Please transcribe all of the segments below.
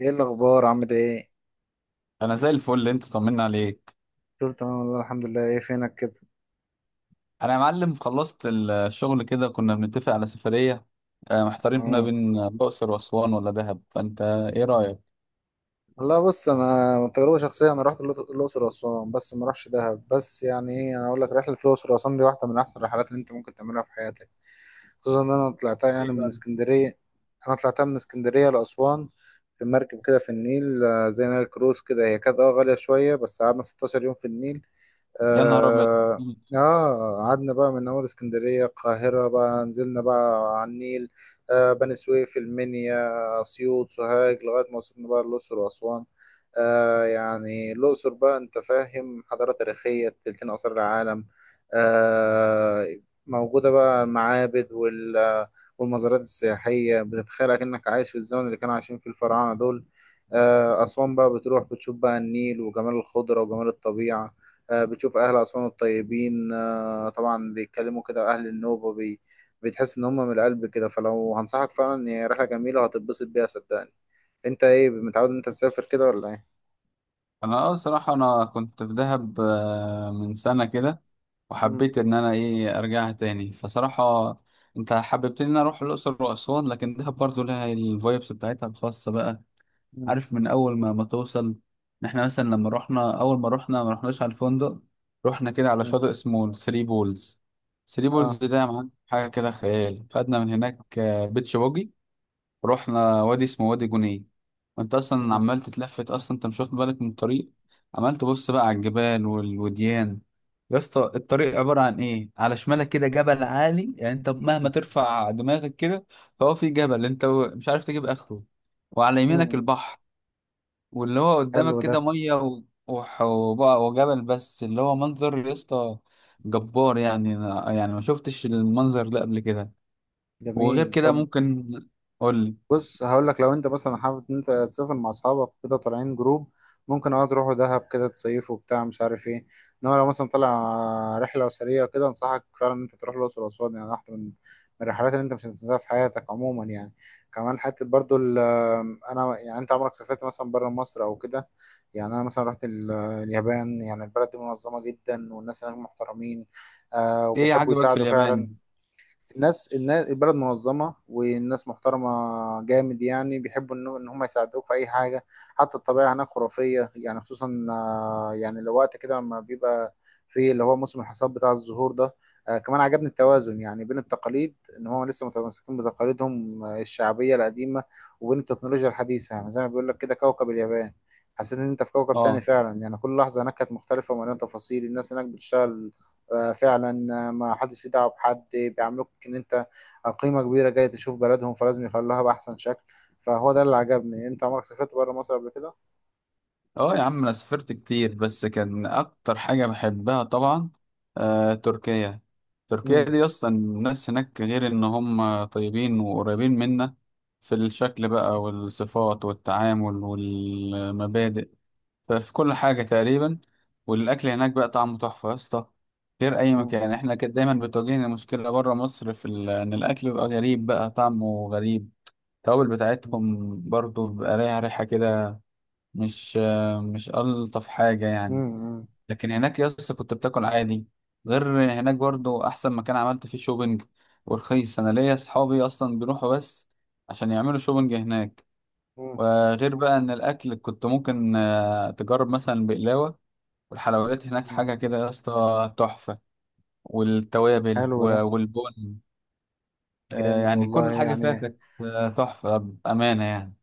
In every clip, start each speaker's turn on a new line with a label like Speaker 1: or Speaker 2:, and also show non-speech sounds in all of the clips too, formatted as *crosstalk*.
Speaker 1: ايه الاخبار، عامل ايه؟
Speaker 2: انا زي الفل. انت طمنا عليك.
Speaker 1: قلت تمام والله، الحمد لله، ايه فينك كده؟
Speaker 2: انا يا معلم خلصت الشغل كده، كنا بنتفق على سفرية. محتارين ما
Speaker 1: اه،
Speaker 2: بين الاقصر واسوان ولا دهب. فانت ايه رايك؟
Speaker 1: والله بص، انا من تجربه شخصيه انا رحت الاقصر واسوان بس ما رحتش دهب، بس يعني ايه، انا اقول لك رحله الاقصر واسوان دي واحده من احسن الرحلات اللي انت ممكن تعملها في حياتك. خصوصا ان انا طلعتها يعني
Speaker 2: ايه
Speaker 1: من
Speaker 2: بقى؟
Speaker 1: اسكندريه، انا طلعتها من اسكندريه لاسوان في مركب كده في النيل، آه، زي نايل كروز كده. هي كانت غاليه شويه، بس قعدنا 16 يوم في النيل.
Speaker 2: يا نهار ابيض.
Speaker 1: آه آه. قعدنا بقى من أول اسكندرية القاهرة، بقى نزلنا بقى على النيل، آه، بني سويف، المنيا، أسيوط، سوهاج، لغاية ما وصلنا بقى الأقصر وأسوان. آه، يعني الأقصر بقى أنت فاهم، حضارة تاريخية، تلتين آثار العالم، آه، موجودة بقى، المعابد والمزارات السياحية، بتتخيل كأنك عايش في الزمن اللي كانوا عايشين فيه الفراعنة دول. آه، أسوان بقى بتروح بتشوف بقى النيل وجمال الخضرة وجمال الطبيعة، آه، بتشوف أهل أسوان الطيبين، آه، طبعا بيتكلموا كده أهل النوبة، بتحس إن هم من القلب كده. فلو هنصحك فعلا إن هي رحلة جميلة وهتتبسط بيها صدقني. أنت إيه، متعود إن أنت تسافر كده ولا إيه؟
Speaker 2: انا صراحة انا كنت في دهب من سنة كده.
Speaker 1: مم.
Speaker 2: وحبيت ان انا ارجعها تاني. فصراحة انت حببتني ان أنا اروح الاقصر واسوان، لكن دهب برضو لها الفايبس بتاعتها الخاصة بقى.
Speaker 1: مم.
Speaker 2: عارف، من اول ما توصل، ان احنا مثلا لما رحنا، اول ما رحنا ما رحناش على الفندق، رحنا كده على
Speaker 1: مم.
Speaker 2: شاطئ اسمه ثري بولز. ثري بولز
Speaker 1: آه.
Speaker 2: ده يا معلم حاجه كده خيال. خدنا من هناك بيتش باجي. رحنا وادي اسمه وادي جنيه. وانت اصلا
Speaker 1: مم.
Speaker 2: عمال تتلفت، اصلا انت مش واخد بالك من الطريق. عمال تبص بقى على الجبال والوديان. يا اسطى، الطريق عباره عن ايه؟ على شمالك كده جبل عالي، يعني انت مهما ترفع دماغك كده، فهو في جبل انت مش عارف تجيب اخره. وعلى يمينك
Speaker 1: مم.
Speaker 2: البحر. واللي هو
Speaker 1: حلو
Speaker 2: قدامك
Speaker 1: ده.
Speaker 2: كده ميه وبقى وجبل، بس اللي هو منظر يا اسطى جبار. يعني أنا يعني ما شفتش المنظر ده قبل كده. وغير
Speaker 1: جميل.
Speaker 2: كده
Speaker 1: طب،
Speaker 2: ممكن قول لي.
Speaker 1: بص هقول لك، لو انت مثلا حابب ان انت تسافر مع اصحابك كده طالعين جروب، ممكن تروحوا دهب كده تصيفوا وبتاع مش عارف ايه. انما لو مثلا طالع رحله اسريه كده، انصحك فعلا ان انت تروح الاقصر واسوان، يعني واحده من الرحلات اللي انت مش هتنساها في حياتك عموما يعني. كمان حته برضو انا يعني، انت عمرك سافرت مثلا بره مصر او كده؟ يعني انا مثلا رحت اليابان، يعني البلد دي منظمه جدا والناس هناك محترمين،
Speaker 2: ايه
Speaker 1: وبيحبوا
Speaker 2: عجبك في
Speaker 1: يساعدوا فعلا.
Speaker 2: اليابان؟
Speaker 1: الناس البلد منظمة والناس محترمة، جامد يعني، بيحبوا إن هم يساعدوك في اي حاجة. حتى الطبيعة هناك خرافية، يعني خصوصا، يعني الوقت كده لما بيبقى في اللي هو موسم الحصاد بتاع الزهور ده. كمان عجبني التوازن يعني بين التقاليد، ان هم لسه متمسكين بتقاليدهم الشعبية القديمة، وبين التكنولوجيا الحديثة، يعني زي ما بيقول لك كده كوكب اليابان. حسيت ان انت في كوكب تاني
Speaker 2: اه.
Speaker 1: فعلا، يعني كل لحظة هناك كانت مختلفة ومليانة تفاصيل. الناس هناك بتشتغل آه، فعلا. ما حدش ليه دعوه بحد، بيعاملوك ان انت قيمه كبيره جاي تشوف بلدهم، فلازم يخلوها باحسن شكل. فهو ده اللي عجبني. انت عمرك سافرت بره مصر قبل كده؟
Speaker 2: اه يا عم، انا سافرت كتير، بس كان اكتر حاجه بحبها طبعا تركيا. تركيا
Speaker 1: مم.
Speaker 2: دي اصلا الناس هناك، غير ان هم طيبين وقريبين منا في الشكل بقى، والصفات والتعامل والمبادئ. ففي كل حاجة تقريبا. والأكل هناك بقى طعمه تحفة يا اسطى، غير أي
Speaker 1: مم.
Speaker 2: مكان. احنا كده دايما بتواجهنا مشكلة بره مصر، إن الأكل بيبقى غريب بقى، طعمه غريب. التوابل بتاعتهم برضو بيبقى ليها ريحة كده، مش ألطف حاجة يعني.
Speaker 1: مم.
Speaker 2: لكن هناك يا اسطى كنت بتاكل عادي. غير هناك برضو أحسن مكان عملت فيه شوبينج، ورخيص. أنا ليا أصحابي أصلا بيروحوا بس عشان يعملوا شوبينج هناك.
Speaker 1: مم.
Speaker 2: وغير بقى إن الأكل كنت ممكن تجرب مثلا بقلاوة. والحلويات هناك
Speaker 1: مم.
Speaker 2: حاجة كده يا اسطى تحفة. والتوابل
Speaker 1: حلو ده.
Speaker 2: والبن.
Speaker 1: جامد
Speaker 2: يعني
Speaker 1: والله
Speaker 2: كل حاجة فيها
Speaker 1: يعني.
Speaker 2: كانت تحفة بأمانة يعني.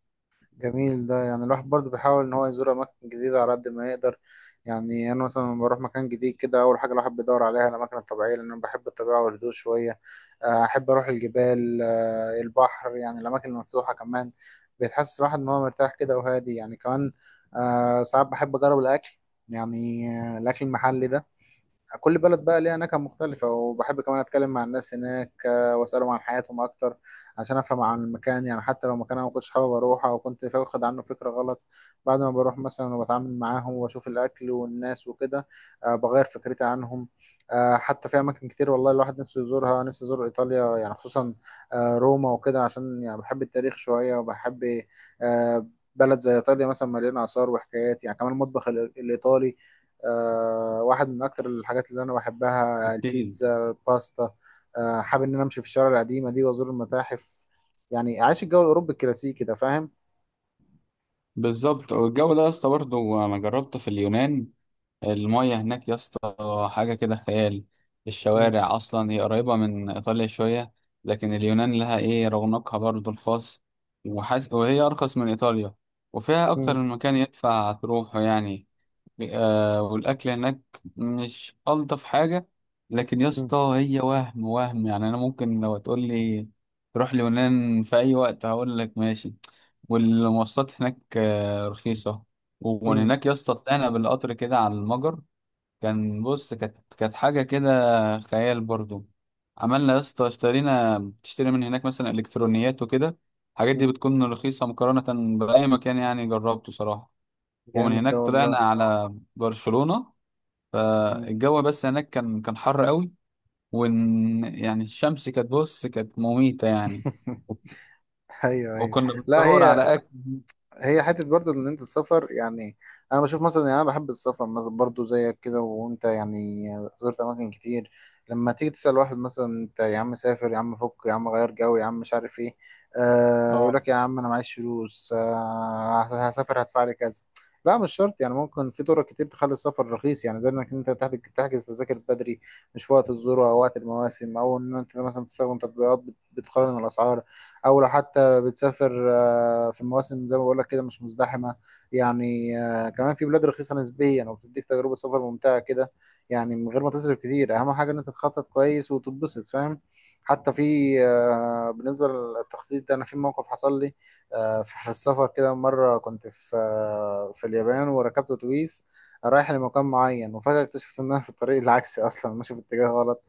Speaker 1: جميل ده. يعني الواحد برضه بيحاول ان هو يزور اماكن جديده على قد ما يقدر. يعني انا مثلا لما بروح مكان جديد كده، اول حاجه الواحد بيدور عليها الاماكن الطبيعيه، لان انا بحب الطبيعه والهدوء شويه، احب اروح الجبال، البحر، يعني الاماكن المفتوحه كمان بتحسس الواحد ان هو مرتاح كده وهادي يعني كمان. ساعات بحب اجرب الاكل يعني، الاكل المحلي ده. كل بلد بقى ليها نكهة مختلفة، وبحب كمان أتكلم مع الناس هناك، وأسألهم عن حياتهم أكتر، عشان أفهم عن المكان. يعني حتى لو مكان أنا ما كنتش حابب أروحه، أو كنت واخد عنه فكرة غلط، بعد ما بروح مثلا وبتعامل معاهم وأشوف الأكل والناس وكده، بغير فكرتي عنهم. حتى في أماكن كتير والله الواحد نفسه يزورها. نفسي أزور إيطاليا، يعني خصوصا روما وكده، عشان يعني بحب التاريخ شوية، وبحب آه، بلد زي إيطاليا مثلا مليانة آثار وحكايات. يعني كمان المطبخ الإيطالي واحد من اكتر الحاجات اللي انا بحبها،
Speaker 2: أكيد.
Speaker 1: البيتزا، الباستا. حابب ان انا امشي في الشوارع القديمه دي وازور المتاحف، يعني عايش الجو الاوروبي الكلاسيكي ده، فاهم؟
Speaker 2: بالظبط. والجو ده يا اسطى برضه أنا جربته في اليونان. المية هناك يا اسطى حاجة كده خيال.
Speaker 1: مم.
Speaker 2: الشوارع أصلا هي قريبة من إيطاليا شوية، لكن اليونان لها إيه رونقها برضه الخاص. وهي أرخص من إيطاليا، وفيها أكتر
Speaker 1: مم.
Speaker 2: من مكان يدفع تروحه يعني. والاكل هناك مش الطف حاجه، لكن يا
Speaker 1: مم.
Speaker 2: اسطى هي وهم وهم. يعني انا ممكن لو تقول لي روح اليونان في اي وقت هقول لك ماشي. والمواصلات هناك رخيصه. ومن
Speaker 1: مم.
Speaker 2: هناك يا اسطى طلعنا بالقطر كده على المجر. بص، كانت حاجه كده خيال برضو. عملنا يا اسطى، بتشتري من هناك مثلا الكترونيات وكده. الحاجات
Speaker 1: مم.
Speaker 2: دي بتكون رخيصه مقارنه باي مكان يعني، جربته صراحه. ومن
Speaker 1: جامد ده
Speaker 2: هناك طلعنا
Speaker 1: والله.
Speaker 2: على برشلونة.
Speaker 1: مم.
Speaker 2: فالجو بس هناك كان حر قوي. وإن يعني الشمس بص كانت مميتة يعني.
Speaker 1: *laughs* ايوه ايوه،
Speaker 2: وكنا
Speaker 1: لا،
Speaker 2: بندور
Speaker 1: هي
Speaker 2: على أكل.
Speaker 1: هي حته برضه ان انت تسافر يعني. انا بشوف مثلا، يعني انا بحب السفر مثلا برضه زيك كده، وانت يعني زرت اماكن كتير. لما تيجي تسال واحد مثلا، انت يا عم سافر يا عم، فك يا عم، غير جو يا عم، مش عارف ايه، يقول
Speaker 2: اه.
Speaker 1: لك يا عم انا معيش فلوس، هسافر هدفع لي كذا. لا، مش شرط يعني. ممكن في طرق كتير تخلي السفر رخيص، يعني زي انك انت تحجز تذاكر بدري، مش في وقت الذروه او وقت المواسم، او ان انت مثلا تستخدم تطبيقات بتقارن الاسعار، او لو حتى بتسافر في مواسم زي ما بقول لك كده مش مزدحمه. يعني كمان في بلاد رخيصه نسبيا وبتديك تجربه سفر ممتعه كده، يعني من غير ما تصرف كتير. اهم حاجه ان انت تخطط كويس وتتبسط، فاهم؟ حتى في بالنسبه للتخطيط ده، انا في موقف حصل لي في في السفر كده. مره كنت في اليابان وركبت اتوبيس رايح لمكان معين، وفجأة اكتشفت ان انا في الطريق *laughs* العكسي، اصلا ماشي في اتجاه غلط.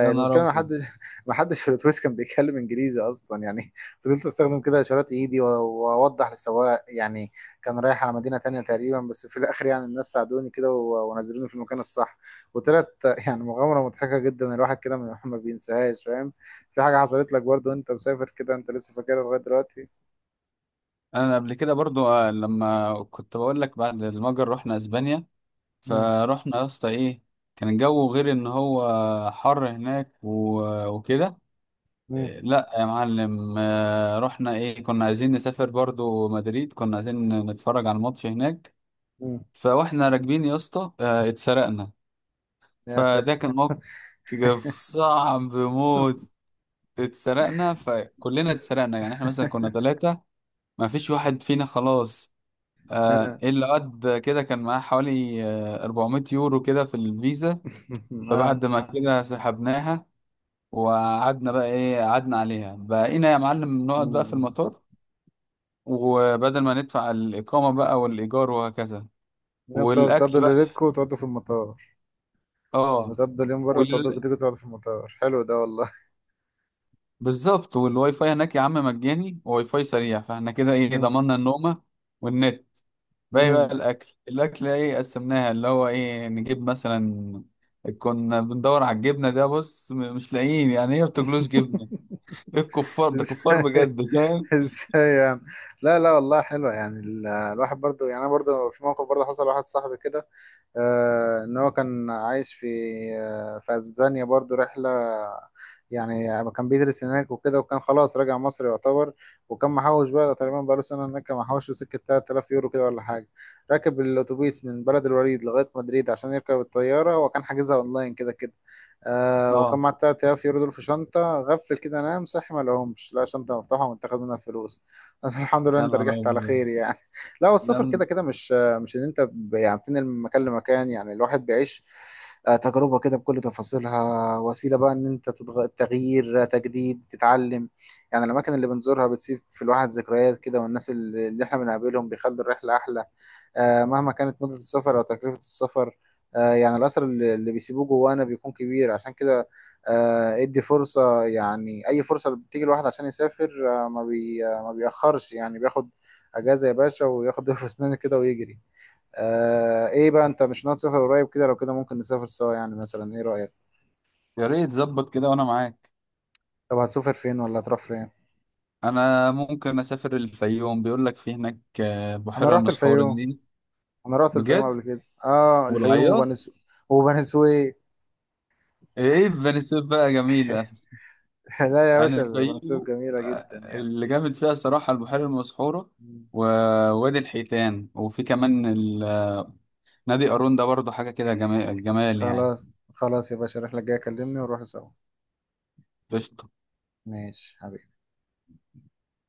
Speaker 2: يا نهار
Speaker 1: المشكله ان حد
Speaker 2: أبيض.
Speaker 1: *laughs* ما حدش في الاتوبيس كان بيتكلم انجليزي اصلا يعني، *laughs* فضلت استخدم كده اشارات ايدي واوضح للسواق يعني. كان رايح على مدينه تانية تقريبا، بس في الاخر يعني الناس ساعدوني كده ونزلوني في المكان الصح. وطلعت *laughs* يعني مغامره مضحكه جدا، الواحد كده ما *laughs* ما بينساهاش، فاهم؟ في حاجه حصلت لك برضو وانت مسافر كده انت لسه فاكرها لغايه دلوقتي؟
Speaker 2: أنا قبل كده برضو لما كنت بقول لك، بعد المجر رحنا أسبانيا.
Speaker 1: مم.
Speaker 2: فروحنا يا اسطى كان الجو غير إن هو حر هناك وكده.
Speaker 1: مم.
Speaker 2: إيه، لا يا معلم، رحنا كنا عايزين نسافر برضو مدريد، كنا عايزين نتفرج على الماتش هناك.
Speaker 1: مم.
Speaker 2: فواحنا راكبين يا اسطى اتسرقنا.
Speaker 1: يا
Speaker 2: فده
Speaker 1: ساتر.
Speaker 2: كان موقف صعب
Speaker 1: *laughs*
Speaker 2: موت. اتسرقنا، فكلنا اتسرقنا يعني. احنا مثلا كنا ثلاثة، ما فيش واحد فينا خلاص،
Speaker 1: آه.
Speaker 2: الا واد كده كان معاه حوالي 400 يورو كده في الفيزا.
Speaker 1: *laughs* آه.
Speaker 2: فبعد ما كده سحبناها، وقعدنا بقى قعدنا عليها. بقينا يا معلم نقعد بقى في
Speaker 1: مم.
Speaker 2: المطار، وبدل ما ندفع الإقامة بقى والإيجار وهكذا.
Speaker 1: لا، بتقعدوا
Speaker 2: والأكل
Speaker 1: بتقعدوا
Speaker 2: بقى.
Speaker 1: ليلتكم وتقعدوا في المطار.
Speaker 2: اه.
Speaker 1: بتقضوا اليوم بره، تيجوا تقعدوا في المطار. حلو ده والله.
Speaker 2: بالظبط. والواي فاي هناك يا عم مجاني، وواي فاي سريع، فاحنا كده
Speaker 1: مم.
Speaker 2: ضمننا النومة والنت. باقي
Speaker 1: مم.
Speaker 2: بقى الاكل. الاكل قسمناها، اللي هو نجيب مثلا. كنا بندور على الجبنة، ده بص مش لاقيين يعني، هي بتجلوش جبنة.
Speaker 1: *laughs*
Speaker 2: إيه الكفار ده؟ كفار
Speaker 1: ازاي؟
Speaker 2: بجد فاهم.
Speaker 1: ازاي يعني؟ لا لا، والله حلوة يعني. الواحد برضو، يعني انا برضو في موقف برضو، حصل واحد صاحبي كده، ان هو كان عايش في اسبانيا برضو رحلة يعني. كان بيدرس هناك وكده، وكان خلاص راجع مصر يعتبر، وكان محوش بقى تقريبا بقاله سنة هناك، كان محوش له سكة 3000 يورو كده ولا حاجة. راكب الأتوبيس من بلد الوليد لغاية مدريد عشان يركب الطيارة، هو كان حاجزها أونلاين كده كده. وكان
Speaker 2: اه.
Speaker 1: معاه 3000 يورو دول في شنطة غفل كده، نام صحي ما لقاهمش، لقى شنطة مفتوحة ومتاخد منها الفلوس. بس *laughs* الحمد لله
Speaker 2: يا
Speaker 1: أنت
Speaker 2: نهار
Speaker 1: رجعت على
Speaker 2: ابيض.
Speaker 1: خير يعني. لا،
Speaker 2: ده
Speaker 1: والسفر كده
Speaker 2: م-
Speaker 1: كده مش ان انت يعني بتنقل من مكان لمكان، يعني الواحد بيعيش تجربة كده بكل تفاصيلها. وسيلة بقى ان انت تغيير، تجديد، تتعلم. يعني الاماكن اللي بنزورها بتسيب في الواحد ذكريات كده، والناس اللي احنا بنقابلهم بيخلوا الرحلة احلى، مهما كانت مدة السفر او تكلفة السفر. يعني الاثر اللي بيسيبوه جوانا بيكون كبير. عشان كده ادي فرصة، يعني اي فرصة بتيجي الواحد عشان يسافر، آه، ما بي... آه، ما بيأخرش، يعني بياخد اجازة يا باشا وياخد ضرب في اسنانه كده ويجري. ايه بقى، انت مش ناوي تسافر قريب كده؟ لو كده ممكن نسافر سوا يعني، مثلا ايه رأيك؟
Speaker 2: يا ريت ظبط كده وانا معاك.
Speaker 1: طب هتسافر فين ولا هتروح فين؟
Speaker 2: انا ممكن اسافر الفيوم، بيقول لك في هناك
Speaker 1: انا
Speaker 2: بحيرة
Speaker 1: رحت
Speaker 2: المسحورة
Speaker 1: الفيوم
Speaker 2: دي.
Speaker 1: انا رحت الفيوم
Speaker 2: بجد.
Speaker 1: قبل كده، الفيوم وبني
Speaker 2: والعياط.
Speaker 1: سويف. وبني سويف.
Speaker 2: ايه، فينيسيف بقى جميلة.
Speaker 1: *laughs* لا يا
Speaker 2: يعني
Speaker 1: باشا، بني سويف
Speaker 2: الفيوم
Speaker 1: جميلة جدا يعني.
Speaker 2: اللي جامد فيها صراحة البحيرة المسحورة،
Speaker 1: مم.
Speaker 2: ووادي الحيتان، وفي
Speaker 1: مم.
Speaker 2: كمان نادي قارون ده برضه حاجة كده جمال الجمال يعني.
Speaker 1: خلاص، خلاص يا باشا، الرحلة الجاية كلمني ونروح سوا.
Speaker 2: قشطة.
Speaker 1: ماشي.